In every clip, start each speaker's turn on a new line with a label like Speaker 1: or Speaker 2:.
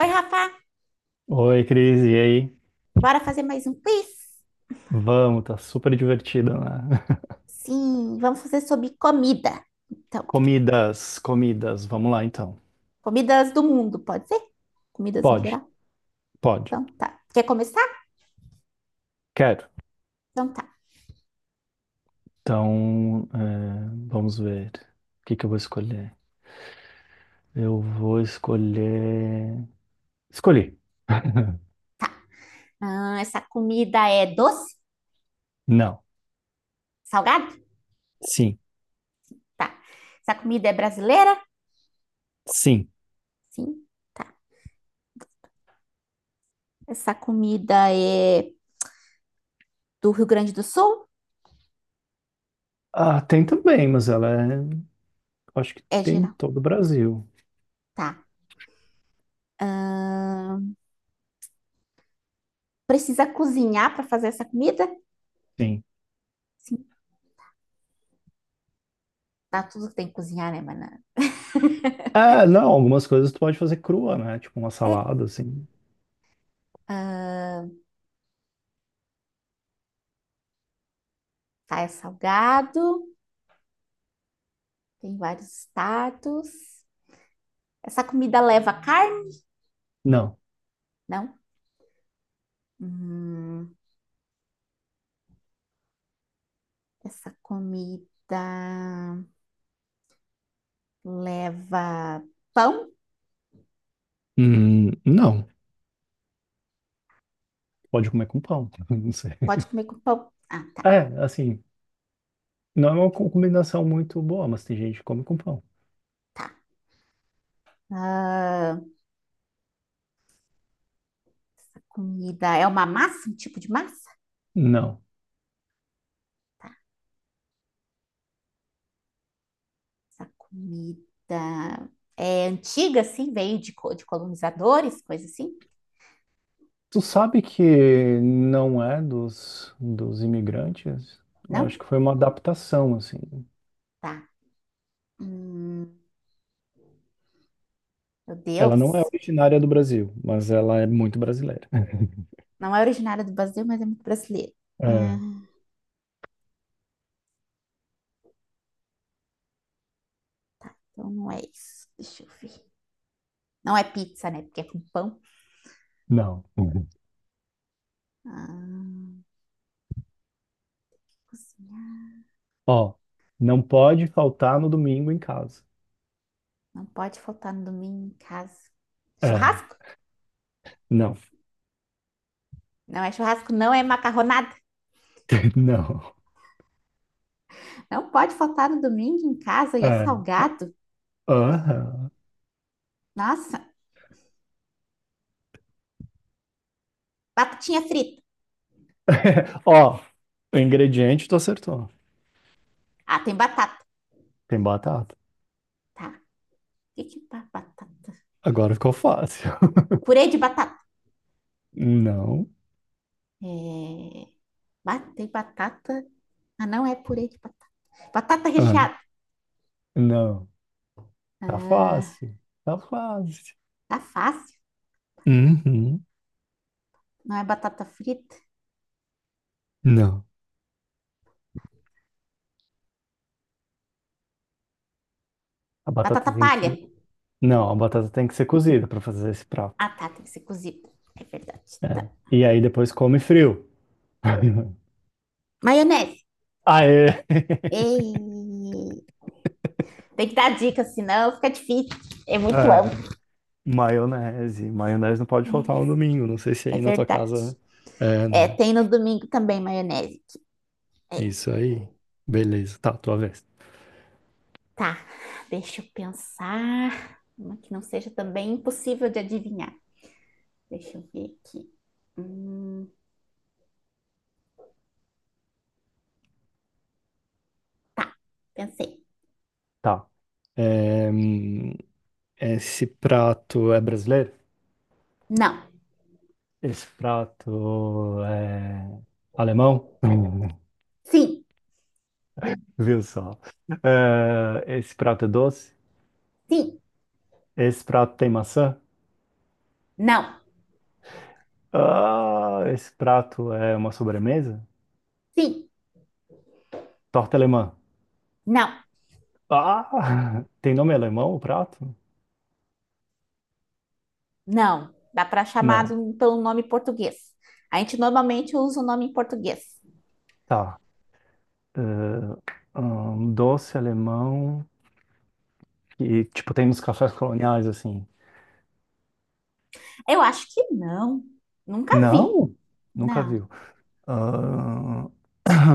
Speaker 1: Oi, Rafa,
Speaker 2: Oi, Cris, e aí?
Speaker 1: bora fazer mais um quiz?
Speaker 2: Vamos, tá super divertido, né?
Speaker 1: Sim, vamos fazer sobre comida. Então,
Speaker 2: Comidas, comidas, vamos lá então.
Speaker 1: comidas do mundo, pode ser? Comidas em
Speaker 2: Pode,
Speaker 1: geral?
Speaker 2: pode,
Speaker 1: Então, tá. Quer começar?
Speaker 2: quero.
Speaker 1: Então, tá.
Speaker 2: Então, vamos ver. O que que eu vou escolher? Eu vou escolher. Escolhi.
Speaker 1: Ah, essa comida é doce?
Speaker 2: Não.
Speaker 1: Salgado?
Speaker 2: Sim.
Speaker 1: Tá. Essa comida é brasileira?
Speaker 2: Sim.
Speaker 1: Sim, tá. Essa comida é do Rio Grande do Sul?
Speaker 2: Ah, tem também, mas ela é. Acho que
Speaker 1: É
Speaker 2: tem em
Speaker 1: geral.
Speaker 2: todo o Brasil.
Speaker 1: Tá. Ah, precisa cozinhar para fazer essa comida?
Speaker 2: Sim.
Speaker 1: Sim, tá. Tudo que tem que cozinhar, né, banana?
Speaker 2: Ah, não, algumas coisas tu pode fazer crua, né? Tipo uma
Speaker 1: É.
Speaker 2: salada, assim.
Speaker 1: Ah, tá, é salgado. Tem vários status. Essa comida leva carne?
Speaker 2: Não.
Speaker 1: Não. Hum, essa comida leva pão?
Speaker 2: Não. Pode comer com pão. Não sei.
Speaker 1: Pode comer com pão. Ah, tá,
Speaker 2: É, assim. Não é uma combinação muito boa, mas tem gente que come com pão.
Speaker 1: tá. Ah, essa comida é uma massa, um tipo de massa?
Speaker 2: Não.
Speaker 1: Essa comida é antiga, assim, veio de colonizadores, coisa assim?
Speaker 2: Tu sabe que não é dos imigrantes? Eu acho
Speaker 1: Não?
Speaker 2: que foi uma adaptação, assim.
Speaker 1: Tá. Hum, meu
Speaker 2: Ela não é
Speaker 1: Deus.
Speaker 2: originária do Brasil, mas ela é muito brasileira.
Speaker 1: Não é originária do Brasil, mas é muito brasileira.
Speaker 2: É,
Speaker 1: Ah, então não é isso. Deixa eu ver. Não é pizza, né? Porque é com pão.
Speaker 2: não. Uhum.
Speaker 1: Ah, cozinhar.
Speaker 2: Ó, não pode faltar no domingo em casa.
Speaker 1: Não pode faltar no domingo em casa.
Speaker 2: É,
Speaker 1: Churrasco?
Speaker 2: não.
Speaker 1: Não é churrasco, não é macarronada.
Speaker 2: Não.
Speaker 1: Não pode faltar no domingo em casa e é
Speaker 2: É,
Speaker 1: salgado.
Speaker 2: aham.
Speaker 1: Nossa, batatinha frita.
Speaker 2: Ó, o ingrediente tu acertou.
Speaker 1: Ah, tem batata.
Speaker 2: Tem batata.
Speaker 1: Tá. O que que é batata?
Speaker 2: Agora ficou fácil.
Speaker 1: Purê de batata.
Speaker 2: Não.
Speaker 1: É... Tem batata. Ah, não é purê de batata. Batata recheada.
Speaker 2: Não, tá
Speaker 1: Ah,
Speaker 2: fácil, tá fácil.
Speaker 1: tá fácil.
Speaker 2: Uhum.
Speaker 1: Não é batata frita.
Speaker 2: Não, a
Speaker 1: Batata
Speaker 2: batata tem
Speaker 1: palha.
Speaker 2: que, não, a batata tem que ser cozida para fazer esse
Speaker 1: Ah,
Speaker 2: prato.
Speaker 1: tá. Tem que ser cozida. É verdade. Tá.
Speaker 2: É. E aí depois come frio.
Speaker 1: Maionese.
Speaker 2: Aê,
Speaker 1: Ei, tem que dar dica, senão fica difícil. É muito
Speaker 2: é,
Speaker 1: amplo.
Speaker 2: maionese. Maionese não pode faltar
Speaker 1: Né?
Speaker 2: no domingo. Não sei se
Speaker 1: É
Speaker 2: aí na tua
Speaker 1: verdade.
Speaker 2: casa é,
Speaker 1: É,
Speaker 2: né?
Speaker 1: tem no domingo também maionese. É,
Speaker 2: Isso aí. Beleza, tá, tua vez.
Speaker 1: tá, deixa eu pensar. Uma que não seja também impossível de adivinhar. Deixa eu ver aqui. Hum, pensei.
Speaker 2: Tá. É, hum, esse prato é brasileiro?
Speaker 1: Não.
Speaker 2: Esse prato é alemão?
Speaker 1: Sim.
Speaker 2: Viu só? Ah, esse prato é doce?
Speaker 1: Sim.
Speaker 2: Esse prato tem maçã?
Speaker 1: Não.
Speaker 2: Ah, esse prato é uma sobremesa?
Speaker 1: Sim.
Speaker 2: Torta alemã.
Speaker 1: Não.
Speaker 2: Ah, tem nome alemão o prato?
Speaker 1: Não. Dá para chamar
Speaker 2: Não.
Speaker 1: pelo nome português. A gente normalmente usa o nome em português.
Speaker 2: Tá. Doce alemão que, tipo, tem nos cafés coloniais, assim.
Speaker 1: Eu acho que não. Nunca vi.
Speaker 2: Não? Nunca
Speaker 1: Não.
Speaker 2: viu. Ah,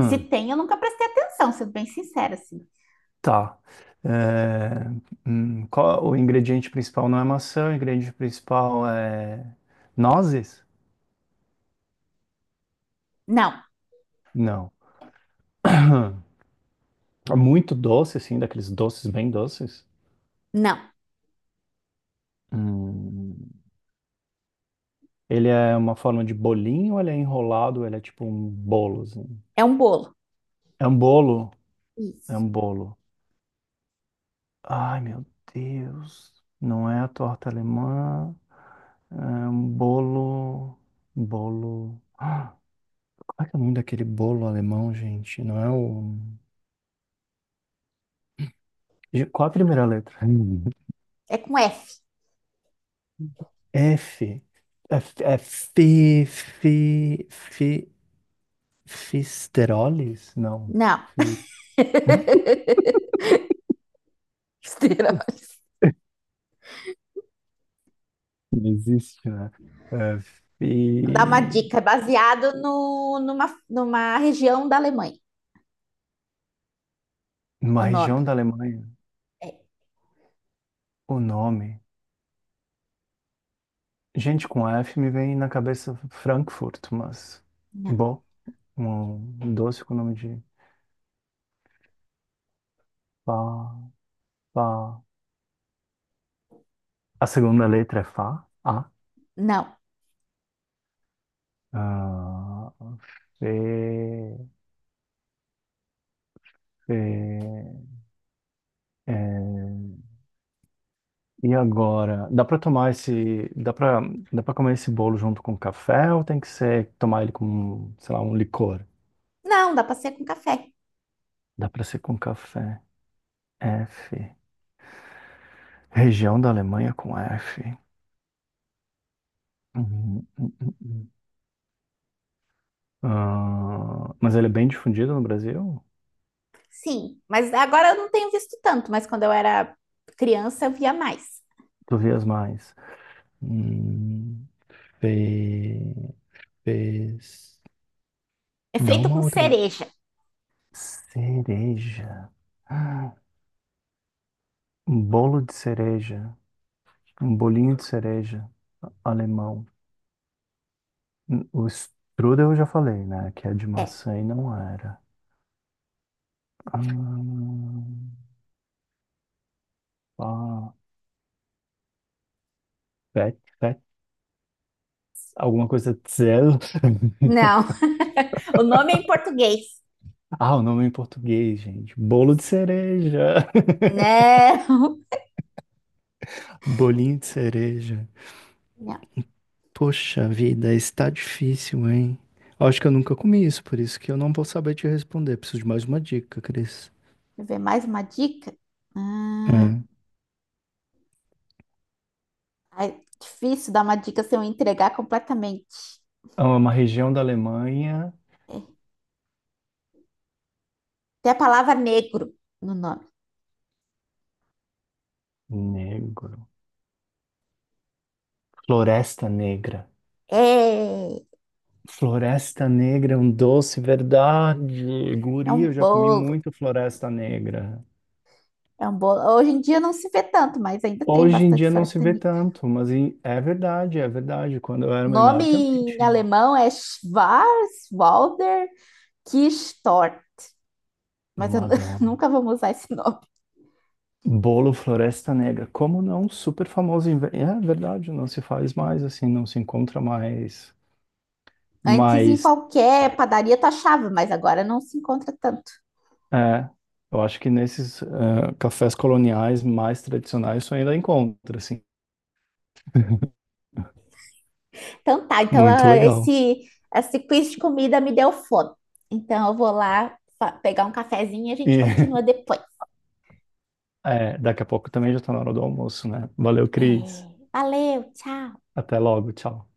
Speaker 1: Se tem, eu nunca prestei atenção, sendo bem sincera, assim.
Speaker 2: tá. É, o ingrediente principal não é maçã, o ingrediente principal é nozes?
Speaker 1: Não,
Speaker 2: Não. Muito doce, assim, daqueles doces bem doces.
Speaker 1: não.
Speaker 2: Hum, Ele é uma forma de bolinho, ou ele é enrolado, ou ele é tipo um bolo, assim.
Speaker 1: É um bolo.
Speaker 2: É um bolo? É
Speaker 1: Isso.
Speaker 2: um bolo. Ai, meu Deus. Não é a torta alemã. É um bolo. Bolo. Ah, qual é que é o nome daquele bolo alemão, gente? Não é o. Qual a primeira letra? Hum.
Speaker 1: É com F.
Speaker 2: F. F. É fisterolis? Não.
Speaker 1: Não. Besteira.
Speaker 2: Não existe, né? É,
Speaker 1: Vou dar uma
Speaker 2: e
Speaker 1: dica. É baseado no, numa, numa região da Alemanha.
Speaker 2: numa
Speaker 1: O nome.
Speaker 2: região da Alemanha,
Speaker 1: É.
Speaker 2: o nome. Gente, com F me vem na cabeça Frankfurt, mas.
Speaker 1: Não.
Speaker 2: Bom, um doce com o nome de Fá, Fá. A segunda letra é Fá, A.
Speaker 1: Não.
Speaker 2: Ah, Fê, Fê. E agora, dá pra tomar esse, dá pra, dá para comer esse bolo junto com café ou tem que ser tomar ele com, sei lá, um licor?
Speaker 1: Não, dá pra ser com café.
Speaker 2: Dá pra ser com café. F. Região da Alemanha com F. Uhum, uhum, uhum. Ah, mas ele é bem difundido no Brasil?
Speaker 1: Sim. Mas agora eu não tenho visto tanto, mas quando eu era criança eu via mais.
Speaker 2: Tu vias mais. Hum, fe- fez.
Speaker 1: É
Speaker 2: Dá
Speaker 1: feito
Speaker 2: uma
Speaker 1: com
Speaker 2: outra.
Speaker 1: cereja.
Speaker 2: Cereja. Ah, um bolo de cereja. Um bolinho de cereja. Alemão. O strudel eu já falei, né? Que é de
Speaker 1: É.
Speaker 2: maçã e não era. Ah, ah, fet, fet, alguma coisa de Zell.
Speaker 1: Não. O nome é em português.
Speaker 2: Ah, o nome em português, gente. Bolo de
Speaker 1: Isso.
Speaker 2: cereja.
Speaker 1: Não.
Speaker 2: Bolinho de cereja.
Speaker 1: Não.
Speaker 2: Poxa vida, está difícil, hein? Acho que eu nunca comi isso, por isso que eu não vou saber te responder. Preciso de mais uma dica, Cris.
Speaker 1: Deixa eu ver mais uma dica. Hum,
Speaker 2: É.
Speaker 1: ai, difícil dar uma dica sem eu entregar completamente.
Speaker 2: É uma região da Alemanha.
Speaker 1: Tem a palavra negro no nome.
Speaker 2: Negro. Floresta Negra.
Speaker 1: É,
Speaker 2: Floresta Negra é um doce, verdade.
Speaker 1: é
Speaker 2: Guri,
Speaker 1: um
Speaker 2: eu já comi
Speaker 1: bolo.
Speaker 2: muito Floresta Negra.
Speaker 1: É um bolo. Hoje em dia não se vê tanto, mas ainda tem
Speaker 2: Hoje em
Speaker 1: bastante
Speaker 2: dia não se
Speaker 1: floresta
Speaker 2: vê
Speaker 1: negra.
Speaker 2: tanto, mas é verdade, é verdade. Quando eu era
Speaker 1: O nome
Speaker 2: menor também
Speaker 1: em
Speaker 2: tinha.
Speaker 1: alemão é Schwarzwälder Kirschtorte. Mas eu
Speaker 2: Madonna.
Speaker 1: nunca vamos usar esse nome.
Speaker 2: Bolo Floresta Negra. Como não? Super famoso. É verdade, não se faz mais assim, não se encontra mais.
Speaker 1: Antes, em
Speaker 2: Mas,
Speaker 1: qualquer padaria, tu achava, mas agora não se encontra tanto.
Speaker 2: é, eu acho que nesses cafés coloniais mais tradicionais isso ainda encontra, assim.
Speaker 1: Então tá, então
Speaker 2: Muito
Speaker 1: ah,
Speaker 2: legal.
Speaker 1: esse quiz de comida me deu fome. Então eu vou lá pegar um cafezinho e a gente
Speaker 2: E
Speaker 1: continua depois.
Speaker 2: é, daqui a pouco também já tá na hora do almoço, né? Valeu,
Speaker 1: É,
Speaker 2: Cris.
Speaker 1: valeu, tchau.
Speaker 2: Até logo, tchau.